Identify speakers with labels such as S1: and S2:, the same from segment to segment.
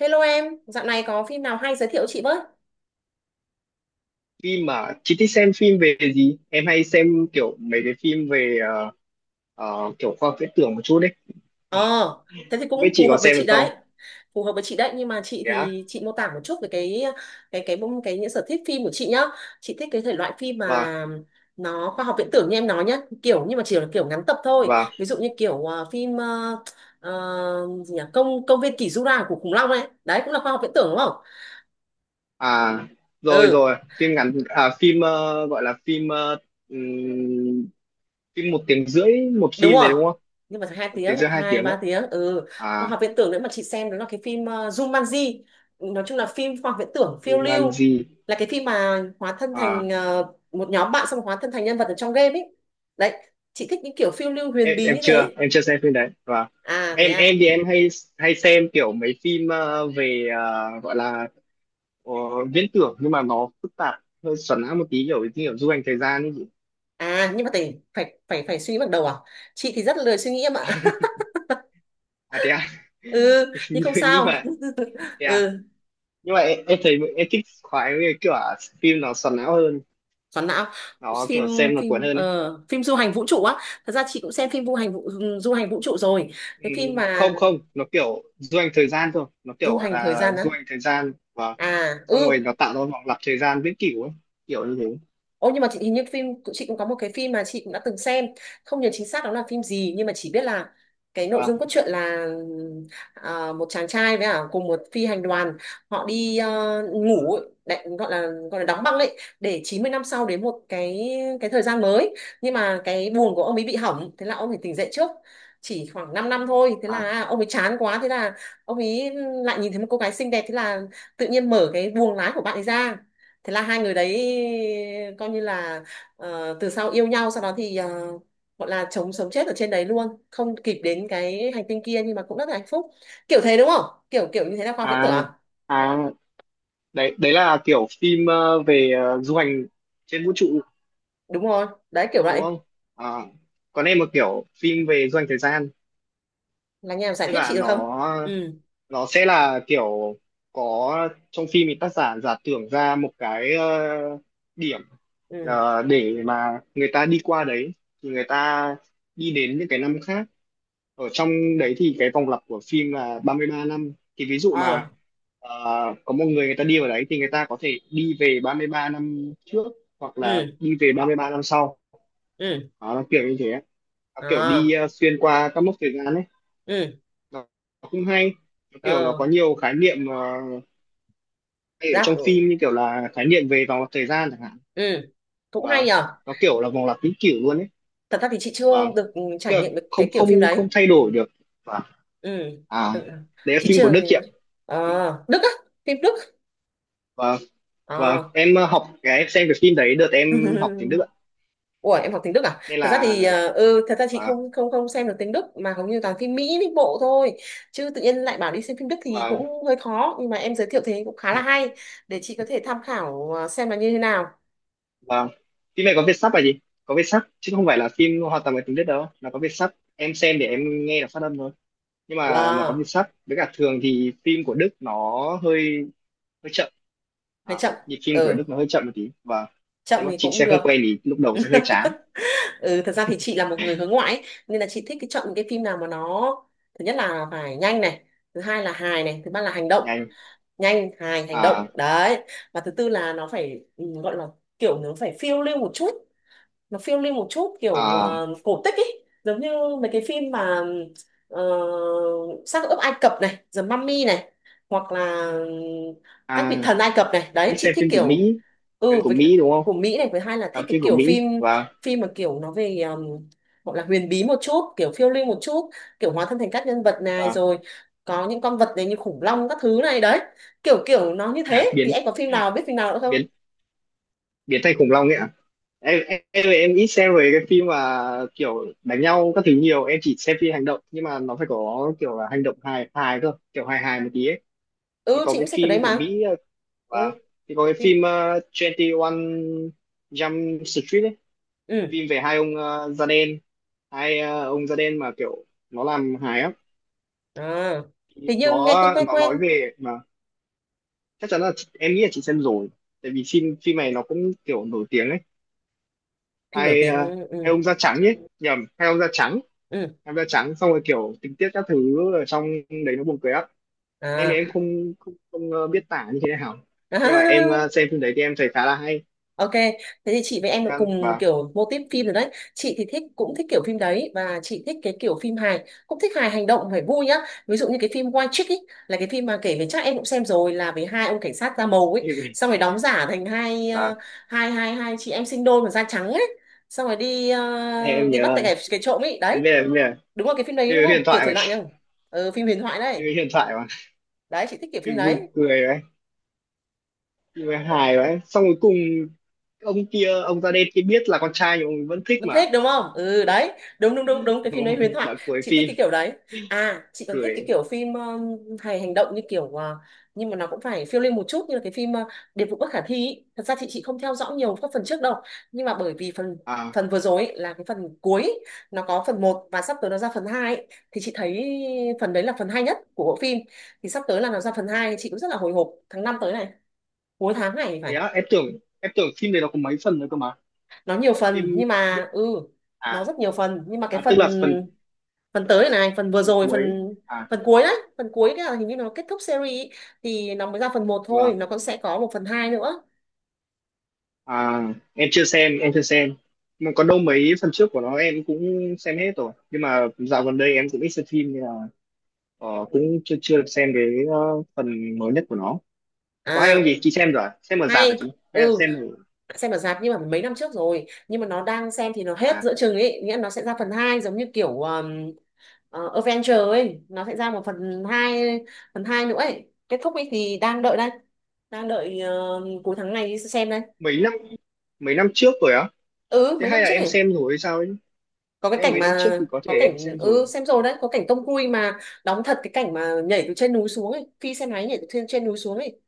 S1: Hello em, dạo này có phim nào hay giới thiệu chị với?
S2: Phim mà chị thích xem phim về gì? Em hay xem kiểu mấy cái phim về kiểu khoa học viễn tưởng một chút đấy.
S1: Ờ, thế thì
S2: Không biết
S1: cũng
S2: chị
S1: phù
S2: có
S1: hợp với
S2: xem được
S1: chị
S2: không?
S1: đấy. Phù hợp với chị đấy, nhưng mà chị
S2: Dạ.
S1: thì chị mô tả một chút về cái cái cái những sở thích phim của chị nhá. Chị thích cái thể loại phim
S2: Và
S1: mà nó khoa học viễn tưởng như em nói nhá, kiểu nhưng mà chỉ là kiểu ngắn tập thôi.
S2: và
S1: Ví dụ như kiểu phim gì nhỉ? Công công viên kỷ Jura của khủng long ấy. Đấy cũng là khoa học viễn tưởng đúng không?
S2: à Rồi
S1: Ừ,
S2: rồi, phim ngắn à phim gọi là phim ừm, phim một tiếng rưỡi một
S1: đúng
S2: phim đấy
S1: rồi,
S2: đúng không?
S1: nhưng mà phải hai
S2: Một
S1: tiếng
S2: tiếng rưỡi hai
S1: hai
S2: tiếng đấy.
S1: 3 tiếng. Ừ, khoa
S2: À
S1: học viễn tưởng nữa mà chị xem đó là cái phim Jumanji. Nói chung là phim khoa học viễn tưởng phiêu lưu,
S2: Jumanji.
S1: là cái phim mà hóa thân thành
S2: À
S1: một nhóm bạn, xong hóa thân thành nhân vật ở trong game ấy. Đấy, chị thích những kiểu phiêu lưu huyền
S2: em
S1: bí
S2: em
S1: như
S2: chưa,
S1: thế.
S2: em chưa xem phim đấy.
S1: À, thế
S2: Em
S1: à.
S2: thì em hay hay xem kiểu mấy phim về gọi là ờ, viễn tưởng nhưng mà nó phức tạp hơi xoắn não một tí kiểu như kiểu du hành thời gian ấy chị.
S1: À, nhưng mà phải phải phải phải suy nghĩ bằng đầu à? Chị thì rất là lười suy nghĩ em ạ.
S2: À thế à.
S1: Ừ, nhưng
S2: như,
S1: không
S2: như
S1: sao.
S2: vậy. Thế à.
S1: Ừ.
S2: Nhưng mà em thấy em thích khoái với kiểu phim nó xoắn não hơn,
S1: Xoắn não.
S2: nó
S1: phim
S2: kiểu xem nó cuốn
S1: phim
S2: hơn ấy.
S1: phim du hành vũ trụ á. Thật ra chị cũng xem phim du hành vũ trụ rồi.
S2: Ừ,
S1: Cái phim mà
S2: không không, nó kiểu du hành thời gian thôi, nó kiểu
S1: du
S2: gọi
S1: hành thời
S2: là
S1: gian á.
S2: du hành thời gian và
S1: À
S2: xong
S1: ừ.
S2: rồi nó tạo ra vòng lặp thời gian viễn cửu ấy, kiểu như thế.
S1: Ô, nhưng mà chị hình như phim cũng, chị cũng có một cái phim mà chị cũng đã từng xem, không nhớ chính xác đó là phim gì, nhưng mà chỉ biết là cái nội
S2: Và
S1: dung cốt truyện là, à, một chàng trai với cả cùng một phi hành đoàn, họ đi, à, ngủ ấy, đại, gọi là đóng băng đấy, để 90 năm sau đến một cái thời gian mới, nhưng mà cái buồng của ông ấy bị hỏng, thế là ông ấy tỉnh dậy trước chỉ khoảng 5 năm thôi, thế là,
S2: à
S1: à, ông ấy chán quá, thế là ông ấy lại nhìn thấy một cô gái xinh đẹp, thế là tự nhiên mở cái buồng lái của bạn ấy ra, thế là hai người đấy coi như là, từ sau yêu nhau, sau đó thì, gọi là chống sống chết ở trên đấy luôn, không kịp đến cái hành tinh kia nhưng mà cũng rất là hạnh phúc. Kiểu thế đúng không, kiểu kiểu như thế là khoa học viễn tưởng
S2: à
S1: à?
S2: à Đấy đấy là kiểu phim về du hành trên vũ trụ
S1: Đúng rồi, đấy kiểu
S2: đúng
S1: vậy.
S2: không? À, còn em một kiểu phim về doanh thời gian,
S1: Là nhà giải
S2: tức
S1: thích
S2: là
S1: chị được không?
S2: nó
S1: Ừ.
S2: nó sẽ là kiểu có trong phim thì tác giả giả tưởng ra một cái điểm,
S1: Ừ.
S2: để mà người ta đi qua đấy thì người ta đi đến những cái năm khác ở trong. Đấy thì cái vòng lặp của phim là 33 năm, thì ví dụ
S1: Ờ.
S2: mà ờ, có một người người ta đi vào đấy thì người ta có thể đi về 33 năm trước hoặc là
S1: Ừ.
S2: đi về 33 năm sau.
S1: Ừ.
S2: Đó, nó kiểu như thế, nó kiểu đi
S1: Ờ.
S2: xuyên qua các mốc thời gian ấy.
S1: Ừ.
S2: Nó, nó cũng hay, nó kiểu nó
S1: Ờ.
S2: có nhiều khái niệm hay ở
S1: Đáp
S2: trong
S1: ừ.
S2: phim, như kiểu là khái niệm về vòng lặp thời gian chẳng hạn.
S1: Ừ. Cũng hay
S2: và
S1: nhở.
S2: nó kiểu là vòng lặp vĩnh cửu luôn ấy,
S1: Thật ra thì chị chưa
S2: và
S1: được trải
S2: kiểu là
S1: nghiệm được cái
S2: không
S1: kiểu phim
S2: không
S1: đấy.
S2: không thay đổi được. Và
S1: Ừ.
S2: à
S1: Ừ.
S2: Đấy là
S1: Chị
S2: phim của
S1: chưa.
S2: Đức chị ạ.
S1: Ờ, Đức á? Phim Đức.
S2: Và và
S1: Ờ.
S2: Em học cái em xem cái phim đấy đợt em học tiếng Đức ạ.
S1: Ủa, em học tiếng Đức à?
S2: Nên
S1: Thật ra
S2: là
S1: thì, thật ra chị
S2: và
S1: không không không xem được tiếng Đức mà hầu như toàn phim Mỹ Mỹ bộ thôi. Chứ tự nhiên lại bảo đi xem phim Đức thì
S2: và
S1: cũng hơi khó, nhưng mà em giới thiệu thế cũng khá là hay để chị có thể tham khảo xem là như thế nào.
S2: và phim này có Việt sắp là gì, có Việt sắp chứ không phải là phim hoàn toàn bằng tiếng Đức đâu, là có Việt sắp em xem để em nghe được phát âm thôi. Nhưng mà nó có nhịp
S1: Wow,
S2: sắt với cả thường thì phim của Đức nó hơi hơi chậm.
S1: hay
S2: à,
S1: chậm.
S2: Nhịp phim của
S1: Ừ,
S2: Đức nó hơi chậm một tí và
S1: chậm
S2: nếu mà
S1: thì
S2: chị
S1: cũng
S2: xem
S1: được.
S2: không quen thì lúc đầu sẽ hơi chán.
S1: Ừ, thật ra thì chị là một người hướng ngoại ấy, nên là chị thích cái chọn những cái phim nào mà nó, thứ nhất là phải nhanh này, thứ hai là hài này, thứ ba là hành động.
S2: Nhanh.
S1: Nhanh, hài, hành
S2: à
S1: động đấy. Và thứ tư là nó phải, ừ, gọi là kiểu nó phải phiêu lưu một chút, nó phiêu lưu một chút kiểu,
S2: à
S1: cổ tích ấy, giống như mấy cái phim mà, ờ, xác ướp Ai Cập này, The Mummy này, hoặc là các vị
S2: à
S1: thần Ai Cập này. Đấy,
S2: Đi
S1: chị
S2: xem
S1: thích
S2: phim của
S1: kiểu.
S2: Mỹ, phim
S1: Ừ,
S2: của
S1: với cả
S2: Mỹ đúng không?
S1: của Mỹ này, với hai là thích
S2: Làm
S1: cái
S2: phim của
S1: kiểu
S2: Mỹ.
S1: phim, phim mà kiểu nó về, gọi là huyền bí một chút, kiểu phiêu lưu một chút, kiểu hóa thân thành các nhân vật này
S2: Và
S1: rồi, có những con vật này như khủng long các thứ này. Đấy, kiểu kiểu nó như thế thì
S2: biến
S1: em có phim nào, biết phim nào nữa không?
S2: biến Biến thành khủng long ấy ạ. Em ít xem về cái phim mà kiểu đánh nhau các thứ nhiều, em chỉ xem phim hành động nhưng mà nó phải có kiểu là hành động hài hài cơ kiểu hài hài một tí ấy. Thì
S1: Ừ,
S2: có
S1: chị cũng
S2: cái
S1: sẽ ở đấy
S2: phim của
S1: mà.
S2: Mỹ và
S1: Ừ,
S2: thì có cái
S1: phim.
S2: phim 21 Jump Street ấy,
S1: Ừ.
S2: phim về hai ông da đen, hai ông da đen mà kiểu nó làm hài á.
S1: À,
S2: Thì
S1: hình như nghe cũng quen
S2: nó
S1: quen.
S2: nói về mà chắc chắn là chị, em nghĩ là chị xem rồi, tại vì phim phim này nó cũng kiểu nổi tiếng ấy,
S1: Phim nổi
S2: hai
S1: tiếng,
S2: hai ông da trắng ấy, nhầm, hai ông da trắng,
S1: ừ.
S2: hai ông da trắng xong rồi kiểu tình tiết các thứ ở trong đấy nó buồn cười á. Em thì
S1: À.
S2: em không không, không biết tả như thế nào,
S1: À.
S2: nhưng mà em xem phim đấy thì em thấy khá là hay.
S1: Ok, thế thì chị với em cũng cùng
S2: Và
S1: kiểu mô típ phim rồi đấy. Chị thì cũng thích kiểu phim đấy, và chị thích cái kiểu phim hài, cũng thích hài hành động, phải vui nhá. Ví dụ như cái phim White Chick ấy, là cái phim mà kể về, chắc em cũng xem rồi, là về hai ông cảnh sát da màu ấy, xong rồi đóng giả thành hai,
S2: và
S1: hai chị em sinh đôi mà da trắng ấy, xong rồi đi,
S2: em
S1: đi bắt
S2: nhớ,
S1: tại cái trộm ấy. Đấy,
S2: em biết là
S1: đúng là cái phim đấy
S2: phim
S1: đúng không,
S2: huyền
S1: kiểu
S2: thoại
S1: thể
S2: mà,
S1: loại này không? Ừ, phim huyền thoại
S2: phim
S1: đấy.
S2: huyền thoại mà,
S1: Đấy chị thích kiểu phim
S2: phim vui
S1: đấy.
S2: cười đấy, phim hài đấy, xong cuối cùng ông kia ông da đen kia biết là con trai nhưng ông ấy vẫn thích
S1: Vẫn
S2: mà.
S1: thích đúng không, ừ đấy. Đúng đúng đúng đúng cái phim đấy huyền
S2: Ôi,
S1: thoại.
S2: đoạn cuối
S1: Chị thích
S2: phim
S1: cái kiểu đấy. À chị còn thích cái
S2: cười.
S1: kiểu phim, hài hành động như kiểu, nhưng mà nó cũng phải phiêu lưu một chút, như là cái phim, Điệp vụ bất khả thi ý. Thật ra chị không theo dõi nhiều các phần trước đâu, nhưng mà bởi vì phần
S2: À
S1: phần vừa rồi ý, là cái phần cuối ý, nó có phần một và sắp tới nó ra phần 2 ý. Thì chị thấy phần đấy là phần hay nhất của bộ phim. Thì sắp tới là nó ra phần 2, chị cũng rất là hồi hộp tháng 5 tới này, cuối tháng này
S2: thế
S1: phải.
S2: á? Em tưởng phim này nó có mấy phần nữa cơ mà.
S1: Nó nhiều phần
S2: Phim
S1: nhưng
S2: bị-
S1: mà, ừ, nó
S2: à,
S1: rất nhiều phần, nhưng mà cái
S2: à tức
S1: phần
S2: là phần
S1: phần tới này, phần vừa rồi,
S2: cuối.
S1: phần
S2: À
S1: phần cuối đấy, phần cuối cái là hình như nó kết thúc series ý, thì nó mới ra phần một thôi,
S2: vâng.
S1: nó cũng sẽ có một phần hai nữa.
S2: À em chưa xem, em chưa xem, mà có đâu mấy phần trước của nó em cũng xem hết rồi, nhưng mà dạo gần đây em cũng ít xem phim nên là cũng chưa chưa được xem cái ờ, phần mới nhất của nó. Có hay không chị
S1: À,
S2: chị xem rồi à? Xem ở rạp hả
S1: hay.
S2: chị hay là
S1: Ừ,
S2: xem ở
S1: xem ở rạp nhưng mà mấy năm trước rồi, nhưng mà nó đang xem thì nó hết
S2: à?
S1: giữa chừng ấy, nghĩa là nó sẽ ra phần hai, giống như kiểu, Avenger ấy, nó sẽ ra một phần hai, phần 2 nữa ấy, kết thúc ấy. Thì đang đợi đây, đang đợi, cuối tháng này đi xem đây.
S2: Mấy năm mấy năm trước rồi á?
S1: Ừ,
S2: Thế
S1: mấy năm
S2: hay là
S1: trước
S2: em
S1: ấy.
S2: xem rồi hay sao ấy?
S1: có cái
S2: Nếu
S1: cảnh
S2: mấy năm trước
S1: mà
S2: thì có
S1: có
S2: thể em
S1: cảnh,
S2: xem rồi.
S1: ừ, xem rồi đấy, có cảnh Tom Cruise mà đóng thật cái cảnh mà nhảy từ trên núi xuống ấy, phi xe máy nhảy từ trên trên núi xuống ấy.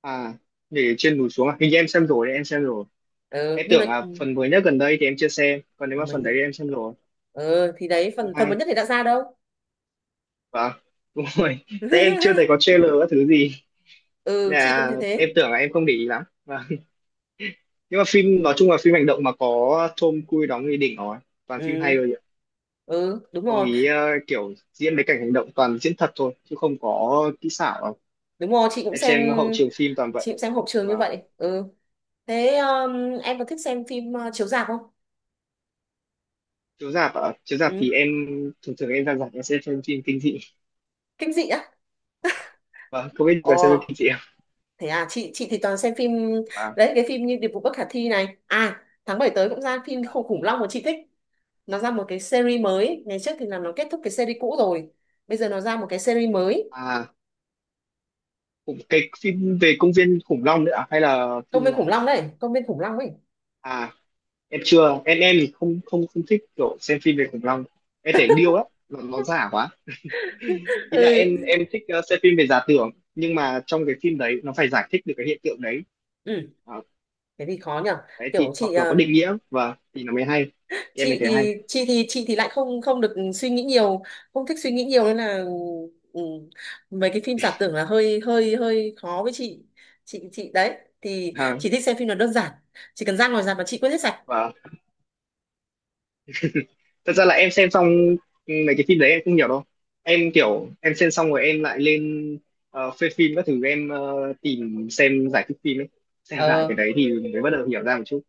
S2: À để trên núi xuống à? Hình như em xem rồi đấy, em xem rồi.
S1: Ừ,
S2: Em
S1: nhưng mà
S2: tưởng là phần mới nhất gần đây thì em chưa xem, còn nếu mà
S1: phần mới
S2: phần đấy
S1: nhảy.
S2: thì em xem rồi.
S1: Ừ, thì đấy
S2: Cũng
S1: phần phần
S2: hay.
S1: mới nhất thì đã ra đâu.
S2: Vâng. Đúng rồi, tại em chưa thấy có trailer các thứ gì.
S1: Ừ,
S2: Nên
S1: chị cũng
S2: là
S1: thấy
S2: em
S1: thế.
S2: tưởng là em không để ý lắm. Vâng, nhưng mà phim nói chung là phim hành động mà có Tom Cruise đóng thì đỉnh rồi, toàn phim
S1: Ừ.
S2: hay rồi.
S1: Ừ, đúng
S2: Ông
S1: rồi.
S2: ý kiểu diễn mấy cảnh hành động toàn diễn thật thôi chứ không có kỹ xảo đâu.
S1: Đúng rồi, chị cũng
S2: Em
S1: xem.
S2: xem hậu trường phim toàn vậy.
S1: Chị cũng xem hộp trường như
S2: và
S1: vậy. Ừ. Thế, em có thích xem phim, chiếu rạp không?
S2: Chiếu rạp ạ? Chiếu rạp
S1: Ừ,
S2: thì em thường thường em ra rạp em sẽ xem phim kinh dị
S1: kinh dị á.
S2: không biết là xem
S1: Ồ.
S2: phim kinh dị không?
S1: Thế à, chị thì toàn xem phim
S2: Và
S1: đấy, cái phim như Điệp vụ bất khả thi này. À, tháng 7 tới cũng ra phim Khủng khủng long mà chị thích. Nó ra một cái series mới, ngày trước thì là nó kết thúc cái series cũ rồi. Bây giờ nó ra một cái series mới.
S2: à Cũng cái phim về công viên khủng long nữa à, hay là
S1: Công
S2: phim
S1: viên khủng
S2: nào?
S1: long đấy, Công viên khủng long ấy.
S2: À em chưa, em thì không không không thích kiểu xem phim về khủng long, em thấy điêu lắm, nó giả quá. Ý là
S1: Ừ.
S2: em thích xem phim về giả tưởng nhưng mà trong cái phim đấy nó phải giải thích được cái hiện tượng đấy.
S1: Ừ,
S2: Ờ,
S1: thế thì khó nhở.
S2: Đấy
S1: Kiểu
S2: thì
S1: chị,
S2: hoặc là có định nghĩa thì nó mới hay, thì em mới thấy hay.
S1: chị thì lại không không được suy nghĩ nhiều, không thích suy nghĩ nhiều, nên là, ừ, mấy cái phim giả tưởng là hơi hơi hơi khó với chị. Chị đấy thì
S2: Ha
S1: chị thích xem phim nó đơn giản, chỉ cần ra ngoài rạp mà chị quên hết sạch.
S2: và Thật ra là em xem xong mấy cái phim đấy em không hiểu đâu, em kiểu em xem xong rồi em lại lên phê phim các thứ, em tìm xem giải thích phim ấy, xem lại cái
S1: Ờ,
S2: đấy thì mới bắt đầu hiểu ra một chút.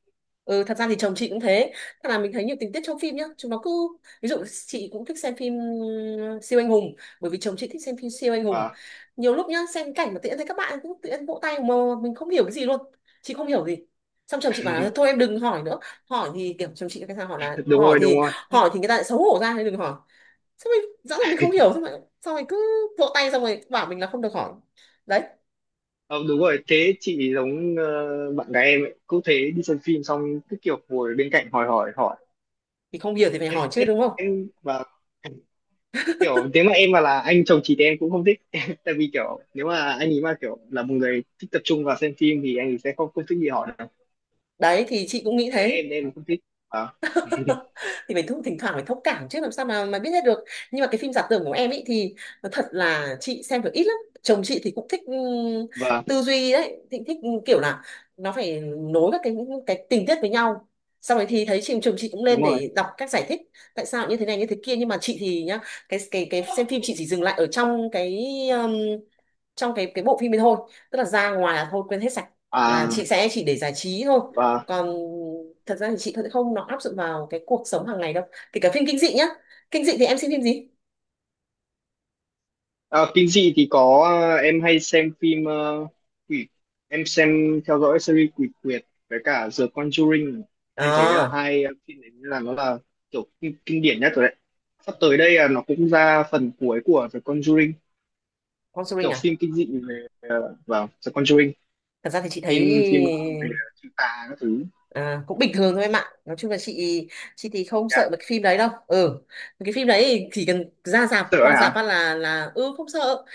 S1: ừ, thật ra thì chồng chị cũng thế. Thật là mình thấy nhiều tình tiết trong phim nhá. Chúng nó cứ, ví dụ chị cũng thích xem phim, siêu anh hùng. Bởi vì chồng chị thích xem phim siêu anh hùng.
S2: và
S1: Nhiều lúc nhá, xem cảnh mà tự nhiên thấy các bạn cũng tự nhiên vỗ tay mà mình không hiểu cái gì luôn. Chị không hiểu gì. Xong chồng chị bảo là thôi em đừng hỏi nữa. Hỏi thì kiểu chồng chị cái sao, hỏi là
S2: Đúng
S1: hỏi
S2: rồi, đúng
S1: thì,
S2: rồi.
S1: người ta lại xấu hổ ra nên đừng hỏi. Xong rồi rõ là mình không hiểu, xong rồi cứ vỗ tay xong rồi bảo mình là không được hỏi. Đấy,
S2: Ờ, đúng rồi, thế chị giống bạn gái em ấy, cũng thế, đi xem phim xong cứ kiểu ngồi bên cạnh hỏi hỏi hỏi.
S1: thì không hiểu thì phải
S2: Em
S1: hỏi chứ
S2: em
S1: đúng không?
S2: em và Kiểu nếu mà em mà là anh chồng chị thì em cũng không thích. Tại vì kiểu nếu mà anh ấy mà kiểu là một người thích tập trung vào xem phim thì anh ấy sẽ không không thích gì hỏi đâu.
S1: Đấy thì chị cũng nghĩ
S2: Nên
S1: thế.
S2: em không thích. À.
S1: Thì phải thỉnh thoảng phải thông cảm chứ, làm sao mà biết hết được. Nhưng mà cái phim giả tưởng của em ấy thì nói thật là chị xem được ít lắm. Chồng chị thì cũng thích,
S2: Vâng
S1: tư duy đấy, thích, ừ, kiểu là nó phải nối các cái tình tiết với nhau. Sau đấy thì thấy chồng chị cũng lên
S2: đúng rồi.
S1: để đọc các giải thích tại sao như thế này như thế kia. Nhưng mà chị thì nhá, cái xem phim chị chỉ dừng lại ở trong trong cái bộ phim ấy thôi, tức là ra ngoài là thôi quên hết sạch, là chị
S2: à
S1: sẽ chỉ để giải trí thôi.
S2: và
S1: Còn thật ra thì chị cũng không nó áp dụng vào cái cuộc sống hàng ngày đâu, kể cả phim kinh dị nhá. Kinh dị thì em xem phim gì?
S2: Phim gì thì có, à, em hay xem phim quỷ, em xem theo dõi series quỷ quyệt với cả The Conjuring. Em thấy là
S1: À,
S2: hai phim đấy là nó là kiểu kinh điển nhất rồi đấy. Sắp tới đây là nó cũng ra phần cuối của The Conjuring,
S1: Conjuring
S2: kiểu
S1: à.
S2: phim kinh dị về vào The Conjuring,
S1: Thật ra thì chị thấy,
S2: phim phim về chữ tà các thứ.
S1: à, cũng bình thường thôi em ạ. Nói chung là chị thì không
S2: Dạ.
S1: sợ mấy cái phim đấy đâu. Ừ, cái phim đấy thì chỉ cần ra rạp,
S2: Sợ ấy
S1: qua rạp phát
S2: hả?
S1: là, ừ, không sợ.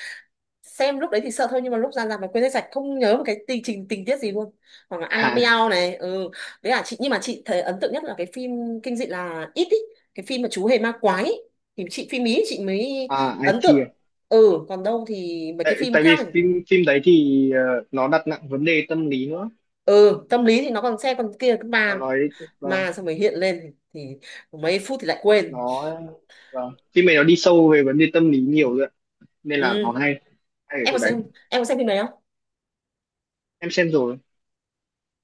S1: Xem lúc đấy thì sợ thôi, nhưng mà lúc ra rạp mà quên hết sạch, không nhớ một cái tình trình tình tiết gì luôn. Hoặc là
S2: À,
S1: Annabelle này, ừ, đấy là chị. Nhưng mà chị thấy ấn tượng nhất là cái phim kinh dị là It ý, cái phim mà chú hề ma quái ý. Thì chị phim Ý chị mới
S2: à
S1: ấn
S2: IT à?
S1: tượng. Ừ, còn đâu thì mấy cái
S2: Tại,
S1: phim
S2: tại vì
S1: khác thì,
S2: phim phim đấy thì nó đặt nặng vấn đề tâm lý nữa.
S1: ừ, tâm lý thì nó còn xem, còn kia cứ
S2: Nó
S1: ma
S2: nói, vâng,
S1: ma xong rồi hiện lên thì mấy phút thì lại quên.
S2: nó vâng. Phim này nó đi sâu về vấn đề tâm lý nhiều rồi ạ. Nên là nó
S1: Ừ,
S2: hay, hay ở
S1: em
S2: chỗ
S1: có
S2: đấy.
S1: xem, em có xem phim đấy không?
S2: Em xem rồi,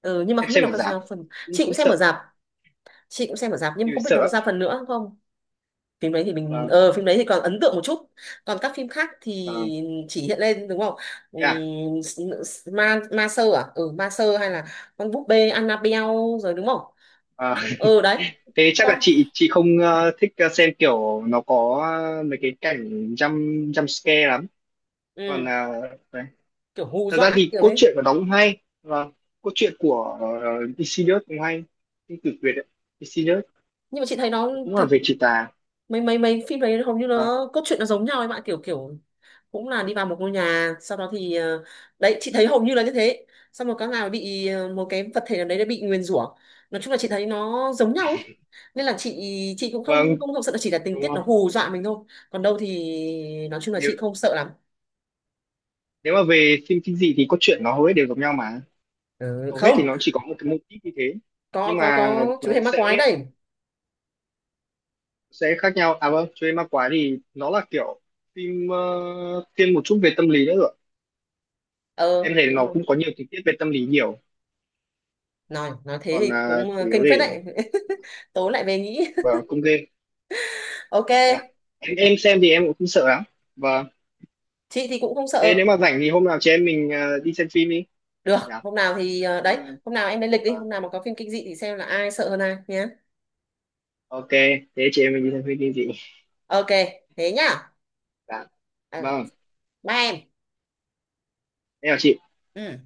S1: Ừ, nhưng mà
S2: em
S1: không biết
S2: xem
S1: nó
S2: ở
S1: có ra
S2: rạp,
S1: phần,
S2: cũng
S1: chị cũng
S2: cũng
S1: xem ở
S2: sợ
S1: rạp. Chị cũng xem ở rạp, nhưng
S2: thì
S1: mà không biết nó có
S2: sợ.
S1: ra phần nữa không. Phim đấy thì mình,
S2: Và
S1: ờ, phim đấy thì còn ấn tượng một chút. Còn các phim khác thì chỉ hiện lên, đúng không? Ừm,
S2: và
S1: s- ma ma sơ à, ừ, ma sơ hay là con búp bê Annabelle, rồi đúng không? Xong- ờ đấy,
S2: Thế chắc là
S1: con,
S2: chị không thích xem kiểu nó có mấy cái cảnh jump jump scare lắm. Còn
S1: ừ,
S2: đấy.
S1: kiểu hù
S2: Thật ra
S1: dọa
S2: thì
S1: kiểu
S2: cốt
S1: đấy.
S2: truyện của nó cũng hay và cốt truyện của Insidious cũng hay. Cái cực Việt ấy. Insidious
S1: Nhưng mà chị thấy nó,
S2: cũng là
S1: thật,
S2: về trừ tà.
S1: mấy mấy mấy phim đấy hầu như
S2: Ờ,
S1: nó cốt truyện nó giống nhau ấy bạn, kiểu kiểu cũng là đi vào một ngôi nhà, sau đó thì, đấy chị thấy hầu như là như thế, xong rồi các nào bị, một cái vật thể nào đấy đã bị nguyền rủa. Nói chung là chị thấy nó giống nhau ấy, nên là chị cũng không
S2: vâng,
S1: không không sợ, chỉ là tình
S2: đúng
S1: tiết
S2: rồi.
S1: nó hù dọa mình thôi. Còn đâu thì nói chung là
S2: Nếu
S1: chị không sợ lắm.
S2: Nếu mà về phim kinh dị thì cốt truyện nó hầu hết đều giống nhau mà.
S1: Ừ,
S2: Hầu hết thì
S1: không,
S2: nó chỉ có một cái mô típ như thế. Nhưng mà
S1: có chú
S2: nó
S1: hề ma
S2: sẽ
S1: quái đây.
S2: sẽ khác nhau. À vâng, cho Chuê Ma Quái thì nó là kiểu phim thiên một chút về tâm lý nữa rồi.
S1: Ờ
S2: Em thấy
S1: đúng
S2: nó
S1: rồi.
S2: cũng có nhiều tình tiết về tâm lý nhiều.
S1: Nói thế
S2: Còn
S1: thì
S2: à,
S1: cũng,
S2: chủ yếu
S1: kinh phết
S2: để
S1: đấy. Tối lại về nghĩ.
S2: vào công game.
S1: Ok,
S2: Dạ. Em xem thì em cũng không sợ lắm. và
S1: chị thì cũng không
S2: Thế
S1: sợ.
S2: nếu mà rảnh thì hôm nào chị em mình đi xem phim đi.
S1: Được,
S2: Dạ.
S1: hôm nào thì,
S2: Ừ.
S1: đấy, hôm nào em lên lịch đi,
S2: Vâng.
S1: hôm nào mà có phim kinh dị thì xem là ai sợ hơn ai nhé.
S2: Ok. Thế chị em mình đi xem phim đi chị.
S1: Ok, thế nhá.
S2: Dạ.
S1: Ừ,
S2: Vâng.
S1: bye em.
S2: Em chào chị.
S1: Ừ.